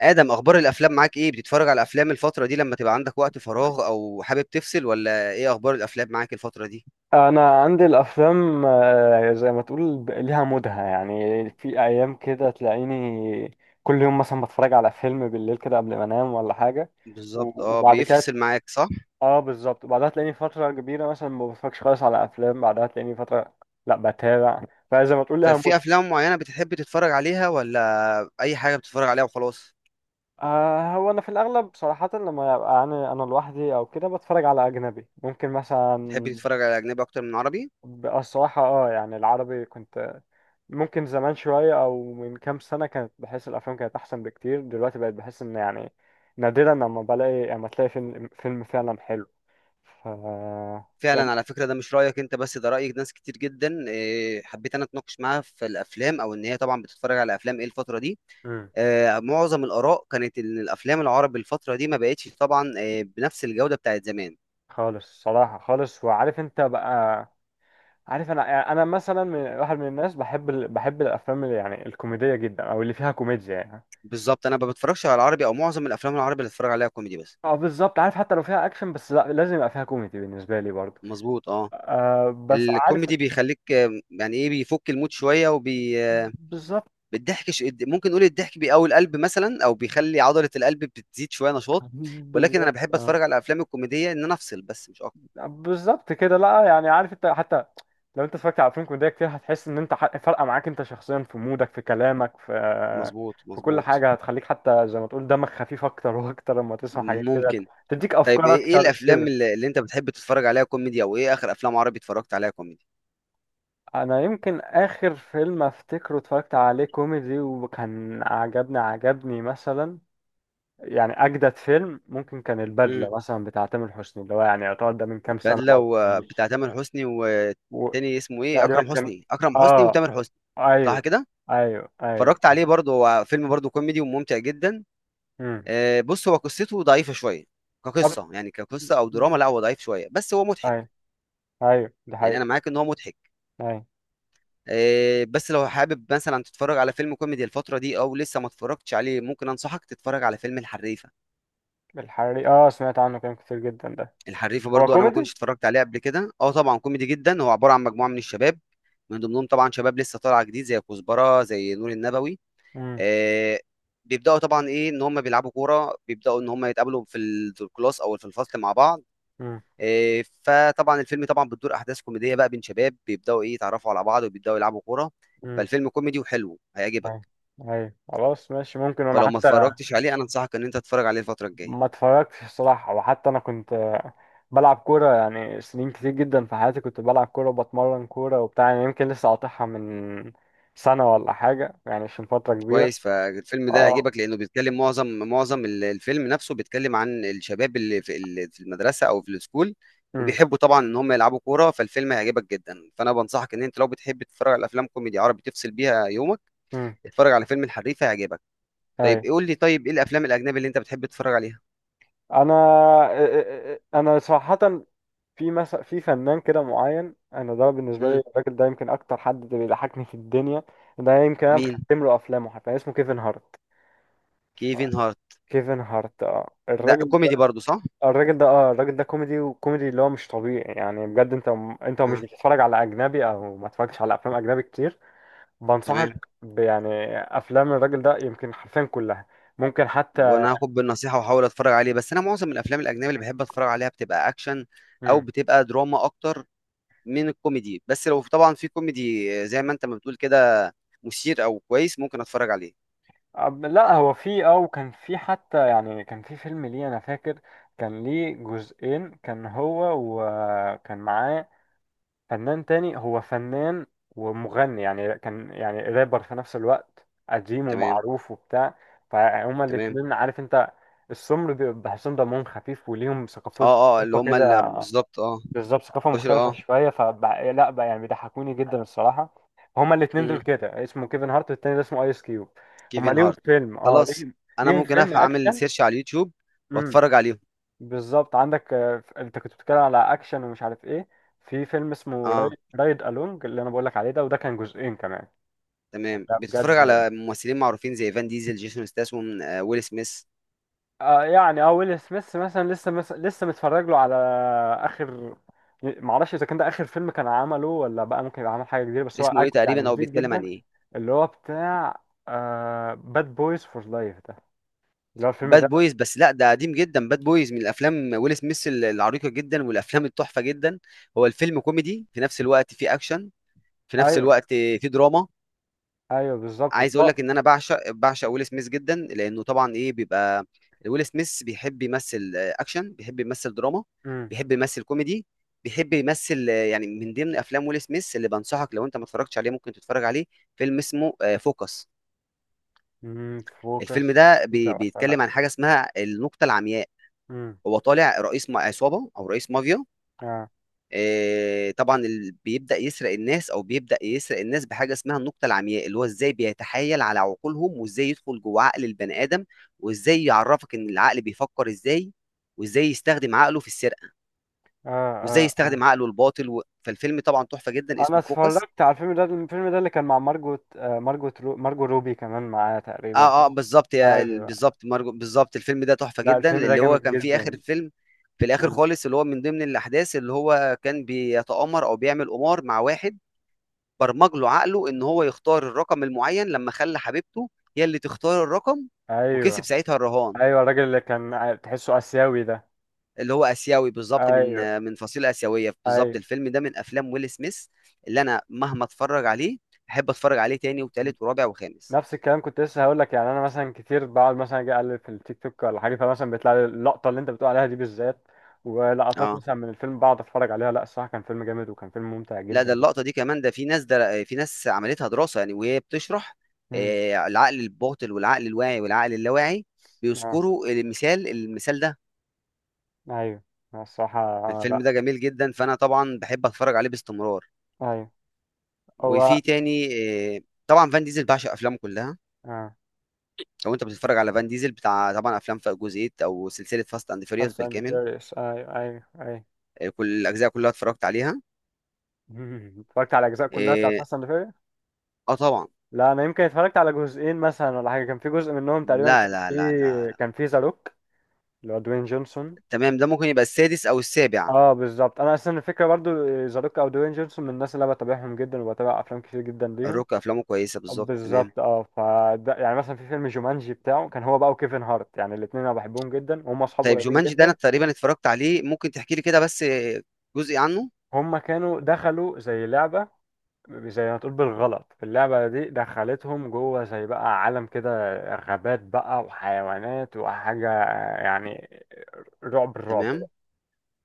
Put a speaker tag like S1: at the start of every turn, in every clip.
S1: آدم أخبار الأفلام معاك إيه؟ بتتفرج على أفلام الفترة دي لما تبقى عندك وقت فراغ، أو حابب تفصل، ولا إيه أخبار الأفلام معاك الفترة دي؟
S2: انا عندي الافلام، زي ما تقول ليها مودها. يعني في ايام كده تلاقيني كل يوم مثلا بتفرج على فيلم بالليل كده قبل ما انام ولا حاجه.
S1: بالظبط،
S2: وبعد كده
S1: بيفصل معاك صح؟
S2: اه بالظبط، وبعدها تلاقيني فتره كبيره مثلا ما بتفرجش خالص على افلام، بعدها تلاقيني فتره لا بتابع. فزي ما تقول ليها
S1: طيب في
S2: مودها.
S1: أفلام معينة بتحب تتفرج عليها، ولا أي حاجة بتتفرج عليها وخلاص؟
S2: هو انا في الاغلب صراحه لما يبقى انا لوحدي او كده بتفرج على اجنبي ممكن
S1: تحب
S2: مثلا.
S1: تتفرج على أجنبي أكتر من عربي؟
S2: بقى الصراحه اه يعني العربي كنت ممكن زمان شوية أو من كام سنة، كانت بحس الأفلام كانت أحسن بكتير. دلوقتي بقت بحس إن يعني نادرا لما بلاقي، لما تلاقي فيلم فعلا حلو. ف يعني
S1: فعلا، على فكرة، ده مش رأيك أنت بس، ده رأي ناس كتير جدا. حبيت أنا أتناقش معاها في الأفلام، أو إن هي طبعا بتتفرج على أفلام إيه الفترة دي.
S2: مم.
S1: معظم الآراء كانت إن الأفلام العربي الفترة دي ما بقتش طبعا، بنفس الجودة بتاعت زمان.
S2: خالص صراحة خالص. وعارف أنت بقى، عارف أنا يعني أنا مثلا من واحد من الناس بحب بحب الأفلام اللي يعني الكوميدية جدا أو اللي فيها كوميديا يعني.
S1: بالظبط، انا ما بتفرجش على العربي، او معظم الافلام العربي اللي بتفرج عليها كوميدي بس.
S2: اه بالظبط عارف، حتى لو فيها أكشن بس لا، لازم يبقى فيها كوميدي بالنسبة لي برضه.
S1: مظبوط، اه.
S2: آه بس عارف.
S1: الكوميدي بيخليك، يعني ايه، بيفك المود شويه وبي آه،
S2: بالظبط.
S1: بالضحك. ممكن نقول الضحك بيقوي القلب مثلا، او بيخلي عضله القلب بتزيد شويه نشاط. ولكن انا
S2: بالظبط
S1: بحب
S2: آه.
S1: اتفرج على الافلام الكوميديه ان انا افصل بس، مش اكتر.
S2: بالظبط كده، لا يعني عارف انت حتى لو انت اتفرجت على افلام كوميديه كتير هتحس ان انت فارقه معاك انت شخصيا في مودك، في كلامك، في
S1: مظبوط
S2: في كل
S1: مظبوط.
S2: حاجه هتخليك حتى زي ما تقول دمك خفيف اكتر واكتر. لما تسمع حاجات كده
S1: ممكن.
S2: تديك
S1: طيب،
S2: افكار
S1: إيه
S2: اكتر
S1: الافلام
S2: كده.
S1: اللي, اللي انت بتحب تتفرج عليها كوميدي، او ايه اخر افلام عربي اتفرجت عليها كوميدي؟
S2: انا يمكن اخر فيلم افتكره اتفرجت عليه كوميدي وكان عجبني مثلا، يعني اجدد فيلم، ممكن كان البدله مثلا بتاع تامر حسني، اللي هو يعني يعتبر ده من كام سنه
S1: البدله
S2: برضه يعني.
S1: وبتاع تامر حسني،
S2: و-
S1: والتاني اسمه ايه،
S2: تقريبا
S1: اكرم
S2: كان،
S1: حسني. اكرم حسني
S2: اه،
S1: وتامر حسني. صح
S2: ايوه
S1: كده.
S2: ايوه ايوه.
S1: اتفرجت عليه برضه، هو فيلم برضه كوميدي وممتع جدا.
S2: امم.
S1: بص، هو قصته ضعيفه شويه.
S2: طب.
S1: كقصه يعني، كقصه او دراما، لا هو ضعيف شويه بس هو مضحك.
S2: ايوه ايوه، دي
S1: يعني انا
S2: حقيقة.
S1: معاك ان هو مضحك.
S2: ايوه.
S1: بس لو حابب مثلا تتفرج على فيلم كوميدي الفتره دي، او لسه ما اتفرجتش عليه، ممكن انصحك تتفرج على فيلم الحريفه.
S2: الحريق اه، سمعت عنه كلام كتير جدا ده.
S1: الحريفه
S2: هو
S1: برضو انا ما
S2: كوميدي.
S1: كنتش اتفرجت عليه قبل كده، اه طبعا كوميدي جدا. هو عباره عن مجموعه من الشباب، من ضمنهم طبعا شباب لسه طالعه جديد زي كزبره، زي نور النبوي.
S2: امم.
S1: آه. بيبداوا طبعا ان هم بيلعبوا كوره، بيبداوا ان هم يتقابلوا في الكلاس او في الفصل مع بعض.
S2: امم.
S1: آه، فطبعا الفيلم طبعا بتدور احداث كوميديه بقى بين شباب، بيبداوا يتعرفوا على بعض، وبيبداوا يلعبوا كوره.
S2: امم.
S1: فالفيلم كوميدي وحلو، هيعجبك.
S2: ايوه ايوه، خلاص ماشي، ممكن انا
S1: فلو ما
S2: حتى
S1: اتفرجتش عليه انا انصحك ان انت تتفرج عليه الفتره الجايه.
S2: ما اتفرجتش الصراحة. وحتى انا كنت بلعب كورة يعني سنين كتير جدا في حياتي، كنت بلعب كورة وبتمرن كورة وبتاع، يعني يمكن لسه قاطعها من سنة ولا حاجة يعني، عشان فترة كبيرة.
S1: كويس. فالفيلم ده
S2: اه.
S1: يعجبك لانه بيتكلم معظم الفيلم نفسه بيتكلم عن الشباب اللي في المدرسه او في السكول،
S2: امم.
S1: وبيحبوا طبعا ان هم يلعبوا كوره. فالفيلم هيعجبك جدا، فانا بنصحك ان انت لو بتحب تتفرج على افلام كوميدي عربي تفصل بيها يومك،
S2: امم.
S1: اتفرج على فيلم الحريف، هيعجبك. طيب،
S2: ايوه.
S1: قول لي، طيب ايه الافلام الاجنبي اللي انت بتحب تتفرج عليها؟
S2: انا انا صراحه في مثلا في فنان كده معين، انا ده بالنسبه لي
S1: امم.
S2: الراجل ده يمكن اكتر حد بيضحكني في الدنيا. ده يمكن انا
S1: مين؟
S2: مختم له افلامه، حتى اسمه كيفن هارت. ف-
S1: كيفن هارت؟
S2: كيفن هارت اه،
S1: ده
S2: الراجل
S1: كوميدي
S2: ده،
S1: برضو صح؟
S2: الراجل ده كوميدي، وكوميدي اللي هو مش طبيعي يعني بجد. انت، انت مش
S1: اه.
S2: بتتفرج على اجنبي او ما اتفرجتش على افلام اجنبي كتير،
S1: تمام.
S2: بنصحك يعني افلام الراجل ده يمكن حرفيا كلها، ممكن حتى.
S1: وانا هاخد بالنصيحه واحاول اتفرج عليه. بس انا معظم الافلام الاجنبي اللي بحب اتفرج عليها بتبقى اكشن، او
S2: مم.
S1: بتبقى دراما اكتر من الكوميدي. بس لو طبعا في كوميدي، زي ما انت ما بتقول كده، مثير او كويس، ممكن اتفرج عليه.
S2: لا هو في اه، وكان في حتى يعني كان في فيلم ليه انا فاكر، كان ليه جزئين، كان هو وكان معاه فنان تاني، هو فنان ومغني يعني، كان يعني رابر في نفس الوقت قديم
S1: تمام.
S2: ومعروف وبتاع. فهما
S1: تمام.
S2: الاتنين عارف انت، السمر بيبقى بحسهم دمهم خفيف وليهم ثقافات،
S1: اه اه، اللي
S2: ثقافة
S1: هم
S2: كده.
S1: اللي بالظبط اه.
S2: بالظبط ثقافة
S1: بشر،
S2: مختلفة
S1: اه.
S2: شوية. فبقى إيه، لا بقى يعني بيضحكوني جدا الصراحة. هما الاتنين دول
S1: مم.
S2: كده، اسمه كيفن هارت والتاني ده اسمه ايس كيوب. هما
S1: كيفن
S2: ليهم
S1: هارت.
S2: فيلم اه،
S1: خلاص.
S2: ليهم
S1: انا
S2: ليهم
S1: ممكن
S2: فيلم
S1: اعمل
S2: اكشن.
S1: سيرش على اليوتيوب
S2: امم.
S1: واتفرج عليهم.
S2: بالظبط. عندك انت كنت بتتكلم على اكشن ومش عارف ايه، في فيلم اسمه رايد,
S1: اه.
S2: رايد الونج، اللي انا بقول لك عليه ده، وده كان جزئين كمان.
S1: تمام.
S2: لا
S1: بتتفرج
S2: بجد
S1: على ممثلين معروفين زي فان ديزل، جيسون ستاثام، ويل سميث.
S2: يعني اه، ويل سميث مثلا لسه لسه متفرج له على اخر، معرفش اذا كان ده اخر فيلم كان عمله، ولا بقى ممكن يبقى عمل حاجه جديده، بس هو
S1: اسمه ايه تقريبا،
S2: يعني
S1: او
S2: جديد
S1: بيتكلم عن
S2: جدا،
S1: ايه؟
S2: اللي هو بتاع باد بويز فور لايف ده، اللي هو الفيلم
S1: باد
S2: ده.
S1: بويز؟ بس لا ده قديم جدا. باد بويز من الافلام ويل سميث العريقه جدا، والافلام التحفه جدا. هو الفيلم كوميدي في نفس الوقت فيه اكشن، في نفس
S2: ايوه
S1: الوقت في دراما.
S2: ايوه بالظبط، بس
S1: عايز اقول
S2: هو.
S1: لك ان انا بعشق ويل سميث جدا، لانه طبعا ايه بيبقى ويل سميث بيحب يمثل اكشن، بيحب يمثل دراما،
S2: امم.
S1: بيحب يمثل كوميدي، بيحب يمثل يعني. من ضمن افلام ويل سميث اللي بنصحك لو انت ما اتفرجتش عليه، ممكن تتفرج عليه، فيلم اسمه فوكس.
S2: أمم،
S1: الفيلم
S2: فوكس
S1: ده
S2: فوكس اتفرج.
S1: بيتكلم عن حاجه اسمها النقطه العمياء.
S2: امم.
S1: هو طالع رئيس عصابه، او رئيس مافيا.
S2: اه
S1: طبعا اللي بيبدأ يسرق الناس، او بيبدأ يسرق الناس بحاجة اسمها النقطة العمياء، اللي هو ازاي بيتحايل على عقولهم، وازاي يدخل جوه عقل البني آدم، وازاي يعرفك ان العقل بيفكر ازاي، وازاي يستخدم عقله في السرقة،
S2: اه اه
S1: وازاي
S2: اه،
S1: يستخدم عقله الباطل فالفيلم طبعا تحفة جدا،
S2: انا
S1: اسمه فوكس.
S2: اتفرجت على الفيلم ده، الفيلم ده اللي كان مع مارجوت مارجو روبي كمان معاه تقريبا.
S1: اه اه، بالظبط يا ال-
S2: ايوه.
S1: بالظبط مرجو، بالظبط. الفيلم ده تحفة
S2: لا
S1: جدا،
S2: الفيلم ده
S1: اللي هو
S2: جامد
S1: كان فيه آخر
S2: جدا.
S1: الفيلم، في الآخر
S2: مم.
S1: خالص، اللي هو من ضمن الأحداث اللي هو كان بيتآمر او بيعمل قمار مع واحد، برمج له عقله ان هو يختار الرقم المعين، لما خلى حبيبته هي اللي تختار الرقم، وكسب
S2: ايوه
S1: ساعتها الرهان.
S2: ايوه، الراجل اللي كان تحسه اسيوي ده.
S1: اللي هو اسيوي، بالظبط، من
S2: ايوه.
S1: من فصيله اسيويه، بالظبط.
S2: ايوه
S1: الفيلم ده من افلام ويل سميث اللي انا مهما اتفرج عليه احب اتفرج عليه تاني وتالت ورابع وخامس.
S2: نفس الكلام كنت لسه هقول لك يعني، انا مثلا كتير بقعد مثلا اجي اقلب في التيك توك ولا حاجه، فمثلا بيطلع لي اللقطه اللي انت بتقول عليها دي بالذات، ولقطات
S1: اه،
S2: مثلا من الفيلم بقعد اتفرج عليها. لا الصراحه كان فيلم جامد وكان فيلم ممتع
S1: لا
S2: جدا
S1: ده
S2: جدا.
S1: اللقطه دي كمان، ده في ناس عملتها دراسه يعني، وهي بتشرح
S2: امم.
S1: العقل الباطن والعقل الواعي والعقل اللاواعي،
S2: اه.
S1: بيذكروا المثال ده.
S2: ايوه. لا، الصراحه
S1: الفيلم
S2: لا.
S1: ده جميل جدا، فانا طبعا بحب اتفرج عليه باستمرار.
S2: ايوه هو.
S1: وفي تاني. آه، طبعا فان ديزل بعشق افلامه كلها.
S2: اه.
S1: لو انت بتتفرج على فان ديزل بتاع، طبعا افلام في جزئيه او سلسله فاست اند فيريوس
S2: فاست اند
S1: بالكامل.
S2: فيريوس ايوه ايوه ايوه.
S1: كل الاجزاء كلها اتفرجت عليها.
S2: اتفرجت على الاجزاء كلها بتاعت
S1: اه.
S2: فاست اند.
S1: آه طبعا.
S2: لا انا يمكن اتفرجت على جزئين مثلا ولا حاجه، كان في جزء منهم تقريبا
S1: لا
S2: كان
S1: لا
S2: في
S1: لا لا لا.
S2: كان في ذا روك، اللي هو دوين جونسون.
S1: تمام، ده ممكن يبقى السادس او السابع.
S2: اه بالظبط. انا اصلا الفكره برضو ذا روك او دوين جونسون من الناس اللي انا بتابعهم جدا، وبتابع افلام كتير جدا ليهم.
S1: الروك افلامه كويسه، بالظبط، تمام.
S2: بالظبط اه. فده يعني مثلا في فيلم جومانجي بتاعه، كان هو بقى وكيفن هارت، يعني الاثنين انا بحبهم جدا وهم اصحاب
S1: طيب
S2: قريبين
S1: جومانجي ده انا
S2: جدا.
S1: تقريبا اتفرجت عليه، ممكن تحكي لي كده بس جزء عنه.
S2: هم كانوا دخلوا زي لعبه، زي ما تقول بالغلط اللعبة دي دخلتهم جوه زي بقى عالم كده، غابات بقى وحيوانات وحاجة يعني، الرعب
S1: تمام.
S2: بقى.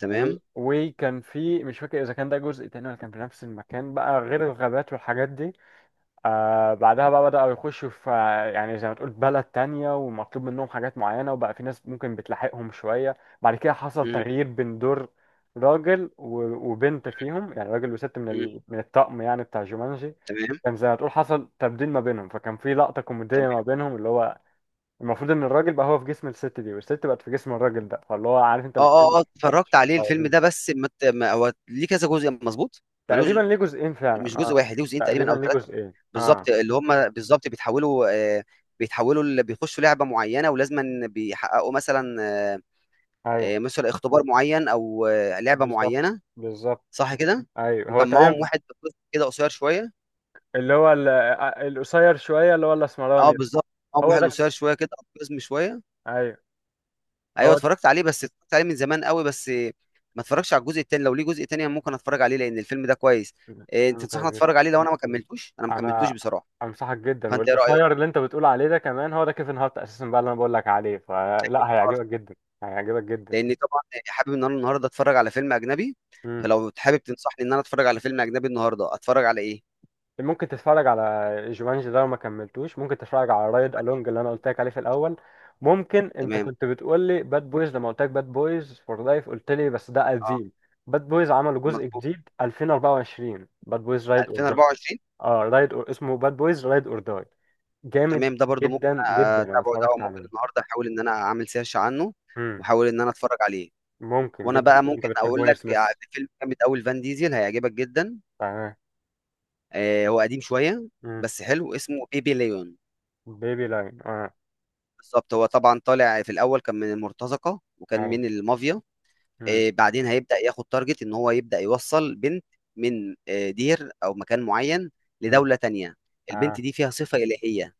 S2: و...
S1: تمام.
S2: وكان في، مش فاكر إذا كان ده جزء تاني ولا كان في نفس المكان بقى غير الغابات والحاجات دي. آه بعدها بقى بدأوا يخشوا في يعني زي ما تقول بلد تانية، ومطلوب منهم حاجات معينة، وبقى في ناس ممكن بتلاحقهم شوية. بعد كده حصل
S1: مم،
S2: تغيير بين دور راجل وبنت فيهم، يعني راجل وست
S1: مم،
S2: من الطقم يعني بتاع جومانجي.
S1: تمام.
S2: كان زي ما تقول حصل تبديل ما بينهم، فكان في لقطة كوميدية ما
S1: تمام.
S2: بينهم، اللي هو المفروض إن الراجل بقى هو في جسم الست دي، والست بقت في جسم الراجل ده، فاللي هو عارف أنت
S1: اه
S2: الاتنين
S1: اه اه،
S2: مش
S1: اتفرجت عليه الفيلم
S2: طيبين.
S1: ده، بس ما هو ليه كذا جزء، مظبوط. ملوش،
S2: تقريبا ليه جزئين
S1: مش
S2: فعلا اه.
S1: جزء واحد، ليه جزئين
S2: تقريبا
S1: تقريبًا أو
S2: ليه
S1: 3.
S2: جزئين
S1: بالضبط،
S2: اه.
S1: اللي هم بالضبط بيتحولوا، آآ بيتحولوا ل بيخشوا لعبة معيّنة، ولازمًا بيحققوا مثلًا،
S2: ايوه
S1: مثلًا اختبار معيّن، أو لعبة
S2: بالظبط.
S1: معيّنة.
S2: بالظبط.
S1: صح كده؟
S2: ايوه هو
S1: وكان معاهم
S2: تقريبا.
S1: واحد قزم كده، قصير شوية.
S2: اللي هو القصير شويه، اللي هو
S1: آه
S2: الاسمراني ده.
S1: بالضبط، معاهم
S2: هو
S1: واحد
S2: ده.
S1: قصير شوية كده أو قزم شوية.
S2: ايوه
S1: أيوه
S2: هو ده.
S1: اتفرّجت عليه، بس اتفرّجت عليه من زمان أوي، بس ما اتفرّجتش على الجزء التاني. لو ليه جزء تاني أنا ممكن اتفرّج عليه، لإن الفيلم ده كويس.
S2: فاهمه
S1: تنصحني
S2: كويس جدا.
S1: اتفرّج عليه لو أنا ما كمّلتوش؟ أنا ما كمّلتوش
S2: انا
S1: بصراحة.
S2: انصحك جدا.
S1: فأنت إيه رأيك؟
S2: والقصير اللي انت بتقول عليه ده كمان، هو ده كيفن هارت اساسا بقى اللي انا بقول لك عليه، فلا هيعجبك جدا، هيعجبك جدا.
S1: لان طبعا حابب ان انا النهارده اتفرج على فيلم اجنبي. فلو حابب تنصحني ان انا اتفرج على فيلم اجنبي النهارده، اتفرج على ايه؟
S2: ممكن تتفرج على جومانجي ده لو ما كملتوش، ممكن تتفرج على رايد الونج اللي انا قلت لك عليه في الاول. ممكن، انت
S1: تمام.
S2: كنت بتقول لي باد بويز، لما قلت لك باد بويز فور لايف قلت لي بس ده
S1: اه.
S2: قديم. باد بويز عملوا جزء
S1: مظبوط.
S2: جديد 2024، باد بويز رايد اور داي.
S1: 2024.
S2: اه رايد اور، اسمه باد بويز رايد اور داي، جامد
S1: تمام، ده برضو ممكن
S2: جدا جدا، انا
S1: اتابعه ده، او
S2: اتفرجت
S1: ممكن
S2: عليه.
S1: النهارده احاول ان انا اعمل سيرش عنه
S2: امم.
S1: واحاول ان انا اتفرج عليه.
S2: ممكن
S1: وانا
S2: جدا
S1: بقى
S2: لو انت
S1: ممكن
S2: بتحب
S1: اقول
S2: ويل
S1: لك
S2: سميث.
S1: فيلم جامد قوي، فان ديزل، هيعجبك جدا.
S2: تمام.
S1: هو قديم شويه
S2: امم.
S1: بس حلو، اسمه بيبي ليون.
S2: بيبي لاين اه.
S1: بالظبط، هو طبعا طالع في الاول كان من المرتزقه وكان
S2: اي.
S1: من المافيا.
S2: امم.
S1: بعدين هيبدأ ياخد تارجت ان هو يبدأ يوصل بنت من دير او مكان معين
S2: امم.
S1: لدولة تانية. البنت
S2: اه.
S1: دي فيها صفة إلهية،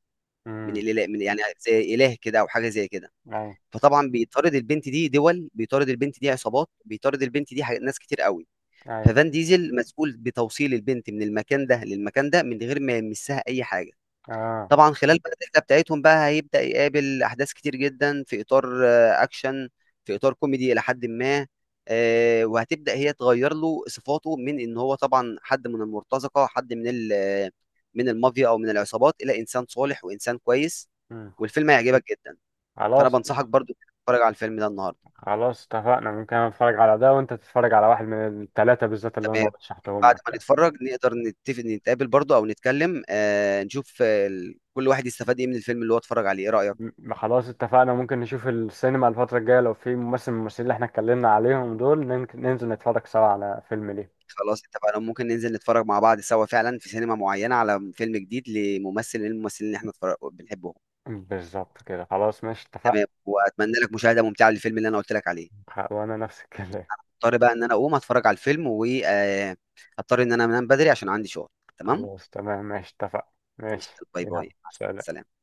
S1: من
S2: امم.
S1: الإله، من يعني زي إله كده او حاجة زي كده.
S2: اي.
S1: فطبعا بيطارد البنت دي، دول بيطارد البنت دي عصابات، بيطارد البنت دي حاجات- ناس كتير قوي.
S2: اي.
S1: ففان ديزل مسؤول بتوصيل البنت من المكان ده للمكان ده من غير ما يمسها اي حاجة.
S2: اه.
S1: طبعا خلال بقى الرحله بتاعتهم بقى هيبدا يقابل احداث كتير جدا، في اطار اكشن، في اطار كوميدي الى حد ما. وهتبدا هي تغير له صفاته، من ان هو طبعا حد من المرتزقه، حد من ال- آه، من المافيا او من العصابات، الى انسان صالح وانسان كويس.
S2: مم.
S1: والفيلم هيعجبك جدا. فانا
S2: خلاص
S1: بنصحك برضو إنك تتفرج على الفيلم ده النهارده.
S2: خلاص اتفقنا، ممكن انا اتفرج على ده، وانت تتفرج على واحد من الثلاثه بالذات اللي انا
S1: تمام.
S2: رشحتهم
S1: بعد
S2: لك
S1: ما
S2: يعني.
S1: نتفرج نقدر نتفق نتقابل برضو، او نتكلم، نشوف، كل واحد يستفاد ايه من الفيلم اللي هو اتفرج عليه، ايه رايك؟
S2: خلاص اتفقنا. ممكن نشوف السينما الفتره الجايه، لو في ممثل من الممثلين اللي احنا اتكلمنا عليهم دول ننزل نتفرج سوا على فيلم ليه.
S1: خلاص اتفقنا. ممكن ننزل نتفرج مع بعض سوا فعلا في سينما معينة على فيلم جديد لممثل من الممثلين اللي احنا بنحبهم.
S2: بالظبط كده، خلاص ماشي اتفقنا.
S1: تمام، واتمنى لك مشاهدة ممتعة للفيلم اللي انا قلت لك عليه.
S2: وانا نفس الكلام.
S1: اضطر بقى ان انا اقوم اتفرج على الفيلم، واضطر ان انا انام بدري عشان عندي شغل. تمام
S2: خلاص تمام ماشي اتفقنا.
S1: ماشي،
S2: ماشي،
S1: باي
S2: يلا
S1: باي، مع
S2: سلام.
S1: السلامة.